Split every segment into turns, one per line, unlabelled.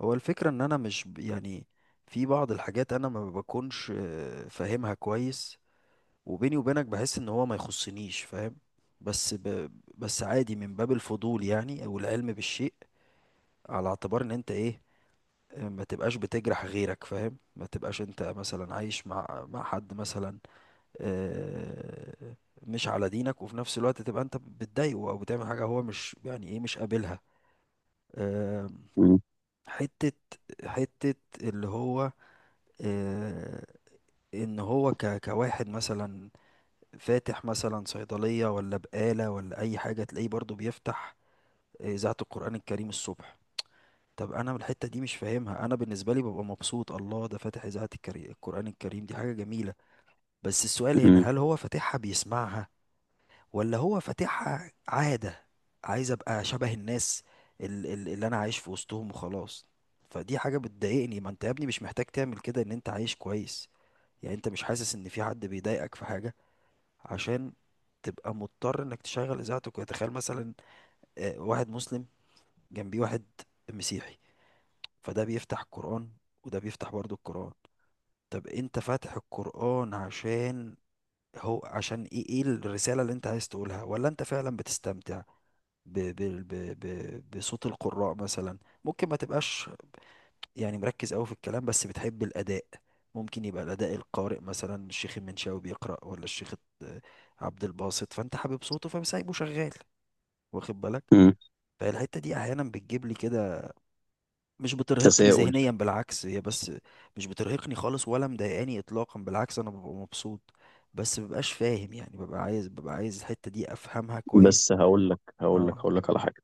هو الفكرة ان انا مش في بعض الحاجات انا ما بكونش فاهمها كويس. وبيني وبينك بحس ان هو ما يخصنيش، فاهم؟ بس بس عادي من باب الفضول يعني، او العلم بالشيء، على اعتبار ان انت ايه. آه، ما تبقاش بتجرح غيرك، فاهم؟ ما تبقاش انت مثلا عايش مع حد مثلا آه، مش على دينك، وفي نفس الوقت تبقى انت بتضايقه او بتعمل حاجة هو مش يعني ايه مش قابلها. آه،
مم.
حتة حتة اللي هو آه، ان هو كواحد مثلا فاتح مثلا صيدلية ولا بقالة ولا اي حاجة، تلاقيه برضو بيفتح آه، اذاعة القرآن الكريم الصبح. طب انا من الحتة دي مش فاهمها. انا بالنسبة لي ببقى مبسوط، الله، ده فاتح اذاعة القرآن الكريم، دي حاجة جميلة. بس السؤال هنا،
مم.
هل هو فاتحها بيسمعها ولا هو فاتحها عادة؟ عايز ابقى شبه الناس اللي انا عايش في وسطهم وخلاص. فدي حاجة بتضايقني. ما انت يا ابني مش محتاج تعمل كده، ان انت عايش كويس يعني، انت مش حاسس ان في حد بيضايقك في حاجة عشان تبقى مضطر انك تشغل اذاعتك. وتخيل مثلا آه، واحد مسلم جنبيه واحد مسيحي، فده بيفتح القرآن وده بيفتح برضو القرآن. طب انت فاتح القرآن عشان هو، عشان ايه؟ ايه الرسالة اللي انت عايز تقولها؟ ولا انت فعلا بتستمتع ب ب ب ب بصوت القراء مثلا؟ ممكن ما تبقاش يعني مركز قوي في الكلام بس بتحب الأداء. ممكن يبقى الأداء، القارئ مثلا الشيخ المنشاوي بيقرأ ولا الشيخ عبد الباسط، فأنت حابب صوته فسايبه شغال، واخد بالك؟
مم.
فالحتة دي أحيانا بتجيب لي كده. مش بترهقني
تساؤل.
ذهنيا، بالعكس، هي بس مش بترهقني خالص ولا مضايقاني إطلاقا، بالعكس أنا ببقى مبسوط. بس مببقاش فاهم يعني، ببقى عايز الحتة دي أفهمها كويس.
بس هقول لك هقول لك
اه.
هقول لك على حاجه.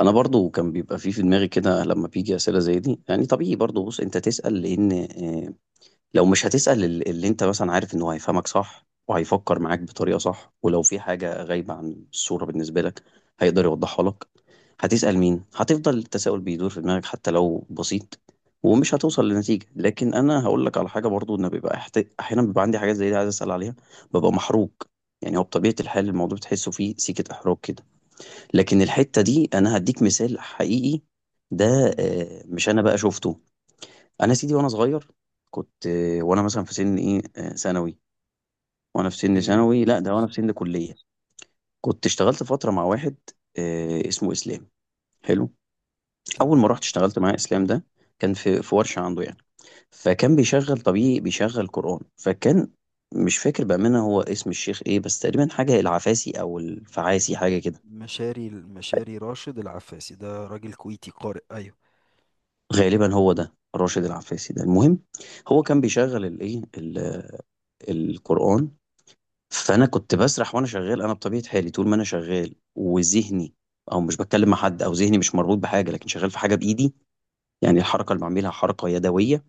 انا برضو كان بيبقى في دماغي كده لما بيجي اسئله زي دي، يعني طبيعي برضو. بص، انت تسال، لان لو مش هتسأل اللي انت مثلا عارف انه هيفهمك صح وهيفكر معاك بطريقة صح، ولو في حاجة غايبة عن الصورة بالنسبة لك هيقدر يوضحها لك، هتسأل مين؟ هتفضل التساؤل بيدور في دماغك حتى لو بسيط، ومش
مم.
هتوصل لنتيجة. لكن انا هقول لك على حاجة برضو، ان بيبقى احيانا بيبقى عندي حاجات زي دي عايز اسأل عليها، ببقى محروج. يعني هو بطبيعة الحال الموضوع بتحسه فيه سيكة احراج كده، لكن الحتة دي انا هديك مثال حقيقي. ده
مم.
مش انا بقى شفته. انا يا سيدي وانا صغير كنت، وانا مثلا في سن ايه، ثانوي. وانا في سن
اوكي.
ثانوي، لا ده وانا في سن كليه، كنت اشتغلت فتره مع واحد اسمه اسلام. حلو. اول ما
تمام.
رحت اشتغلت مع اسلام ده، كان في ورشه عنده يعني، فكان بيشغل طبيعي، بيشغل قران. فكان مش فاكر بامانه هو اسم الشيخ ايه، بس تقريبا حاجه العفاسي او الفعاسي، حاجه كده.
مشاري، راشد العفاسي، ده راجل كويتي قارئ، أيوه.
غالبا هو ده راشد العفاسي، ده المهم. هو كان بيشغل الايه، القران. فانا كنت بسرح وانا شغال. انا بطبيعه حالي طول ما انا شغال وذهني، او مش بتكلم مع حد او ذهني مش مربوط بحاجه، لكن شغال في حاجه بايدي، يعني الحركه اللي بعملها حركه يدويه،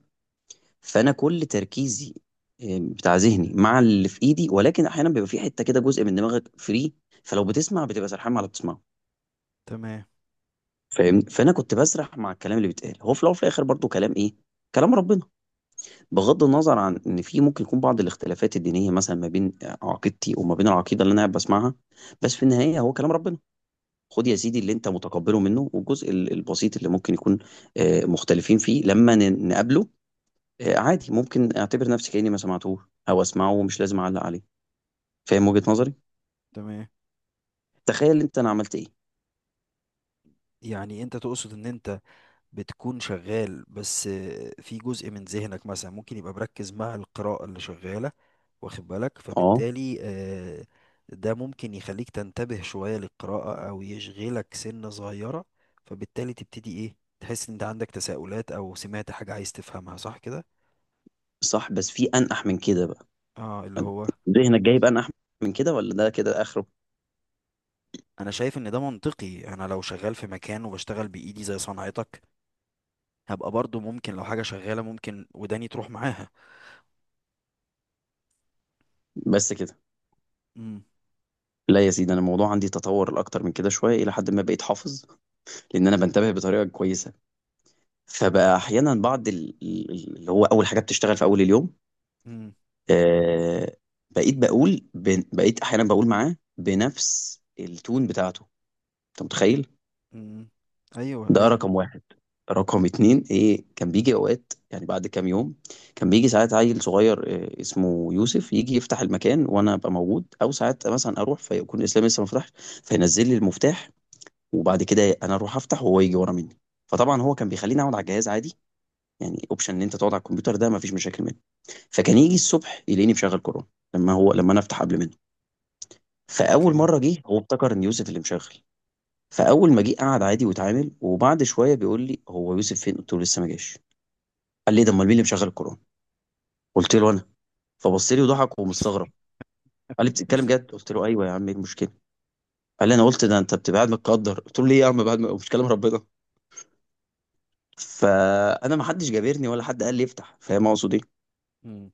فانا كل تركيزي بتاع ذهني مع اللي في ايدي. ولكن احيانا بيبقى في حته كده جزء من دماغك فري، فلو بتسمع بتبقى سرحان مع اللي بتسمعه،
تمام.
فاهمني؟ فانا كنت بسرح مع الكلام اللي بيتقال. هو في الاول وفي الاخر برضو كلام ايه؟ كلام ربنا. بغض النظر عن ان في ممكن يكون بعض الاختلافات الدينيه مثلا ما بين عقيدتي وما بين العقيده اللي انا قاعد بسمعها، بس في النهايه هو كلام ربنا. خد
مم.
يا سيدي اللي انت متقبله منه، والجزء البسيط اللي ممكن يكون مختلفين فيه لما نقابله، عادي، ممكن اعتبر نفسي كأني ما سمعتوش، او اسمعه ومش لازم اعلق عليه. فاهم وجهة
مم.
نظري؟
تمام.
تخيل انت انا عملت ايه.
يعني انت تقصد ان انت بتكون شغال بس في جزء من ذهنك مثلا ممكن يبقى مركز مع القراءة اللي شغالة، واخد بالك؟
اه،
فبالتالي آه، ده ممكن يخليك تنتبه شوية للقراءة او يشغلك سنة صغيرة، فبالتالي تبتدي ايه، تحس ان انت عندك تساؤلات او سمعت حاجة عايز تفهمها، صح كده.
صح، بس في انقح من كده بقى.
اه، اللي هو
ذهنك جايب انقح من كده ولا ده كده اخره؟
انا شايف ان ده منطقي. انا لو شغال في مكان وبشتغل بايدي زي صنعتك، هبقى برضو ممكن لو حاجة شغالة، ممكن وداني تروح معاها.
بس كده.
امم.
لا يا سيدي، انا الموضوع عندي تطور الاكتر من كده شويه، الى حد ما بقيت حافظ، لان انا بنتبه بطريقه كويسه. فبقى احيانا بعض اللي هو اول حاجه بتشتغل في اول اليوم،
امم.
آه بقيت احيانا بقول معاه بنفس التون بتاعته. انت متخيل؟
امم. ايوه،
ده
ايوه.
رقم واحد. رقم اتنين، ايه كان بيجي اوقات يعني بعد كام يوم، كان بيجي ساعات عيل صغير اسمه يوسف يجي يفتح المكان وانا ابقى موجود، او ساعات مثلا اروح فيكون اسلام لسه ما فتحش، فينزل لي المفتاح وبعد كده انا اروح افتح وهو يجي ورا مني. فطبعا هو كان بيخليني اقعد على الجهاز عادي، يعني اوبشن ان انت تقعد على الكمبيوتر ده ما فيش مشاكل منه. فكان يجي الصبح يلاقيني مشغل كورونا، لما انا افتح قبل منه. فاول
اوكي.
مره جه، هو افتكر ان يوسف اللي مشغل. فاول ما جه قعد عادي واتعامل، وبعد شويه بيقول لي هو يوسف فين؟ قلت له لسه ما جاش. قال لي ده امال مين اللي مشغل القران؟ قلت له انا. فبص لي وضحك ومستغرب، قال لي بتتكلم جد؟ قلت له ايوه يا عم، ايه المشكله؟ قال لي انا قلت ده انت بتبقى قاعد متقدر. قلت له ليه يا عم، بعد ما مش كلام ربنا؟ فانا ما حدش جابرني ولا حد قال لي افتح، فاهم اقصد ايه؟
امم.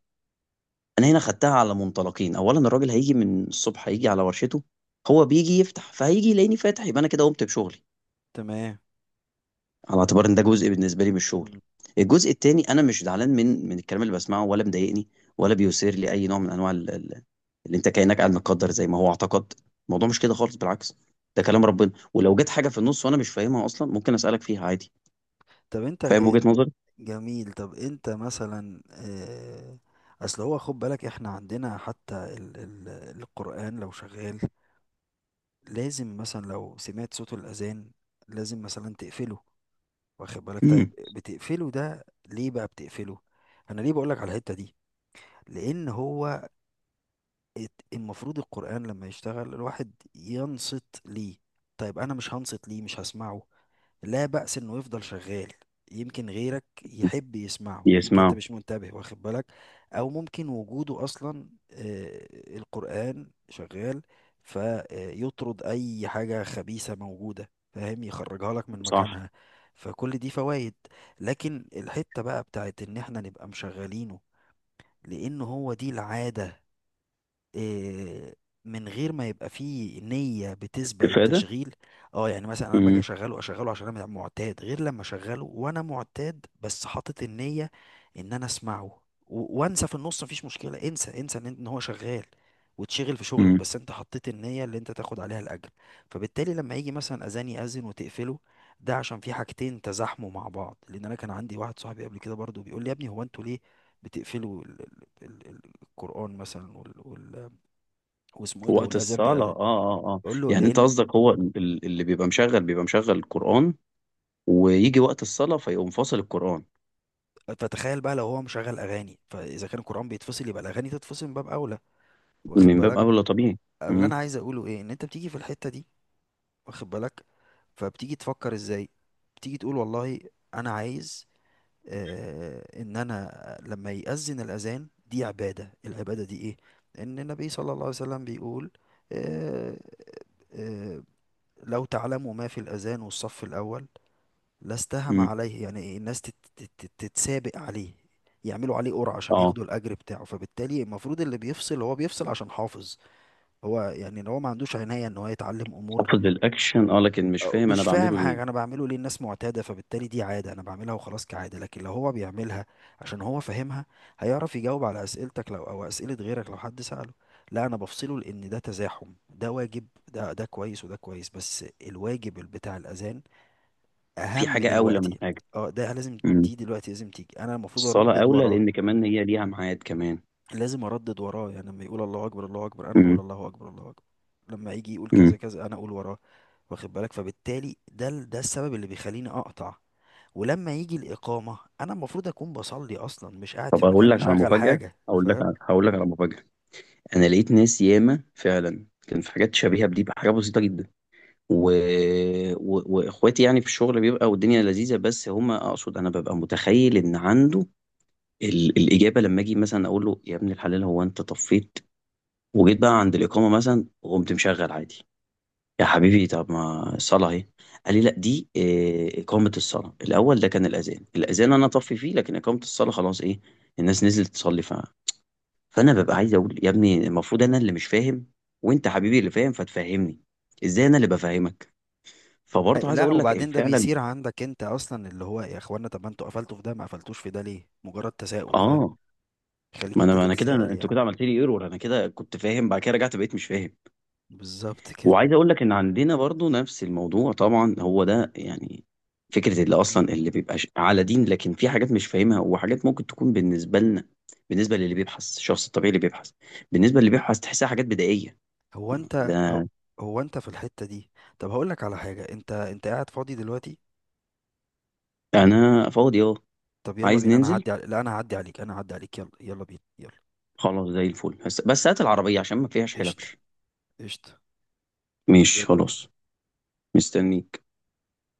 انا هنا خدتها على منطلقين. اولا الراجل هيجي من الصبح، هيجي على ورشته، هو بيجي يفتح، فهيجي يلاقيني فاتح، يبقى انا كده قمت بشغلي،
تمام.
على اعتبار ان ده جزء بالنسبه لي من الشغل.
امم.
الجزء التاني، انا مش زعلان من الكلام اللي بسمعه ولا مضايقني، ولا بيثير لي اي نوع من انواع اللي انت كانك قاعد متقدر زي ما هو اعتقد. الموضوع مش كده خالص، بالعكس. ده كلام ربنا، ولو جت حاجه في النص وانا مش فاهمها اصلا ممكن اسالك فيها عادي.
طب انت،
فاهم وجهه نظري؟
جميل، طب انت مثلا آه، اصل هو خد بالك، احنا عندنا حتى ال القرآن لو شغال لازم مثلا لو سمعت صوت الأذان لازم مثلا تقفله، واخد بالك؟ طيب
امم.
بتقفله ده ليه بقى، بتقفله؟ انا ليه بقولك على الحتة دي؟ لان هو المفروض القرآن لما يشتغل الواحد ينصت ليه. طيب أنا مش هنصت ليه، مش هسمعه، لا بأس إنه يفضل شغال، يمكن غيرك يحب يسمعه، يمكن أنت
يسمعوا.
مش منتبه، واخد بالك؟ أو ممكن وجوده أصلا آه، القرآن شغال فيطرد أي حاجة خبيثة موجودة، فاهم؟ يخرجها لك من
صح.
مكانها. فكل دي فوائد. لكن الحتة بقى بتاعت إن إحنا نبقى مشغلينه لأن هو دي العادة، آه، من غير ما يبقى فيه نية بتسبق
استفاده.
التشغيل. اه يعني مثلا انا باجي
امم،
اشغله، اشغله عشان انا معتاد، غير لما اشغله وانا معتاد بس حاطط النية ان انا اسمعه. وانسى في النص، مفيش مشكلة، انسى، انسى ان إن هو شغال وتشغل في شغلك،
امم.
بس انت حطيت النية اللي انت تاخد عليها الاجر. فبالتالي لما يجي مثلا اذان يأذن وتقفله، ده عشان في حاجتين تزاحموا مع بعض. لان انا كان عندي واحد صاحبي قبل كده برضو بيقول لي يا ابني هو انتوا ليه بتقفلوا القرآن مثلا واسمه ايه ده،
وقت
والاذان
الصلاه، اه. اه، اه.
بقول له
يعني انت
لان،
قصدك هو اللي بيبقى مشغل القران، ويجي وقت الصلاه فيقوم فاصل القران.
فتخيل بقى لو هو مشغل اغاني، فاذا كان القران بيتفصل يبقى الاغاني تتفصل من باب اولى، واخد
من باب
بالك؟
اولى طبيعي.
اللي
مم.
انا عايز اقوله ايه، ان انت بتيجي في الحته دي، واخد بالك؟ فبتيجي تفكر ازاي، بتيجي تقول والله انا عايز آه ان انا لما يأذن الاذان، دي عباده، العباده دي ايه؟ ان النبي صلى الله عليه وسلم بيقول آه آه لو تعلموا ما في الاذان والصف الاول لا استهم
امم.
عليه، يعني الناس تتسابق عليه، يعملوا عليه قرعة عشان
اه،
ياخدوا الأجر بتاعه. فبالتالي المفروض اللي بيفصل هو بيفصل عشان حافظ هو، يعني لو هو ما عندوش عناية ان هو يتعلم أمور،
حافظ الاكشن، اه، لكن مش
أو
فاهم انا
مش فاهم
بعمله ليه.
حاجة أنا بعمله ليه، الناس معتادة، فبالتالي دي عادة أنا بعملها وخلاص كعادة. لكن لو هو بيعملها عشان هو فاهمها، هيعرف يجاوب على أسئلتك لو، أو أسئلة غيرك لو حد سأله. لا، أنا بفصله لأن ده تزاحم، ده واجب ده ده كويس وده كويس، بس الواجب بتاع الأذان
في
اهم
حاجه اولى من
دلوقتي.
حاجه.
اه، ده لازم،
امم.
دي دلوقتي لازم تيجي، انا المفروض
الصلاه
اردد
اولى،
وراه.
لان كمان هي ليها ميعاد كمان.
لازم اردد وراه، يعني لما يقول الله اكبر الله اكبر انا بقول
امم،
الله اكبر الله اكبر، لما يجي يقول
امم.
كذا كذا انا اقول وراه، واخد بالك؟ فبالتالي ده ده السبب اللي بيخليني اقطع. ولما يجي الاقامه انا المفروض اكون بصلي اصلا، مش قاعد في
طب اقول
مكان
لك على
مشغل
مفاجاه،
حاجه، فاهم؟
هقول لك على مفاجاه. انا لقيت ناس ياما فعلا كان في حاجات شبيهه بدي بحاجه بسيطه جدا، و... واخواتي يعني في الشغل بيبقى والدنيا لذيذه، بس هما اقصد انا ببقى متخيل ان عنده الاجابه. لما اجي مثلا اقول له يا ابن الحلال، هو انت طفيت وجيت بقى عند الاقامه مثلا وقمت مشغل عادي؟ يا حبيبي، طب ما الصلاة اهي. قال لي لا، دي إقامة الصلاة. الأول ده كان الأذان، الأذان أنا طفي فيه، لكن إقامة الصلاة خلاص، إيه، الناس نزلت تصلي، فأنا ببقى عايز أقول
مم.
يا ابني، المفروض أنا اللي مش فاهم وأنت حبيبي اللي فاهم فتفهمني، إزاي أنا اللي بفهمك؟ فبرضه عايز
لا،
أقول لك
وبعدين ده
فعلا.
بيصير عندك انت اصلا، اللي هو يا اخوانا طب ما انتوا قفلتوا في ده، ما قفلتوش في ده ليه؟ مجرد تساؤل، فاهم؟
آه،
خليك
ما أنا
انت
ما أنا كده،
تتساءل
أنتوا
يعني.
كده عملت لي إيرور، أنا كده كنت فاهم، بعد كده رجعت بقيت مش فاهم.
بالظبط كده.
وعايز اقول لك ان عندنا برضو نفس الموضوع طبعا، هو ده يعني فكرة اللي اصلا اللي بيبقى على دين لكن في حاجات مش فاهمها، وحاجات ممكن تكون بالنسبة لنا، بالنسبة للي بيبحث الشخص الطبيعي اللي بيبحث، بالنسبة للي بيبحث تحسها حاجات بدائية.
هو انت هو,
ده
هو انت في الحتة دي، طب هقول لك على حاجة، انت قاعد فاضي دلوقتي؟
انا فاضي، اه.
طب يلا
عايز
بينا،
ننزل؟
لا انا هعدي عليك، انا هعدي عليك، يلا يلا بينا، يلا.
خلاص زي الفل، بس هات العربية عشان ما فيهاش
قشطة،
حلبش.
قشطة.
ماشي
يلا
خلاص.
بينا.
مستني.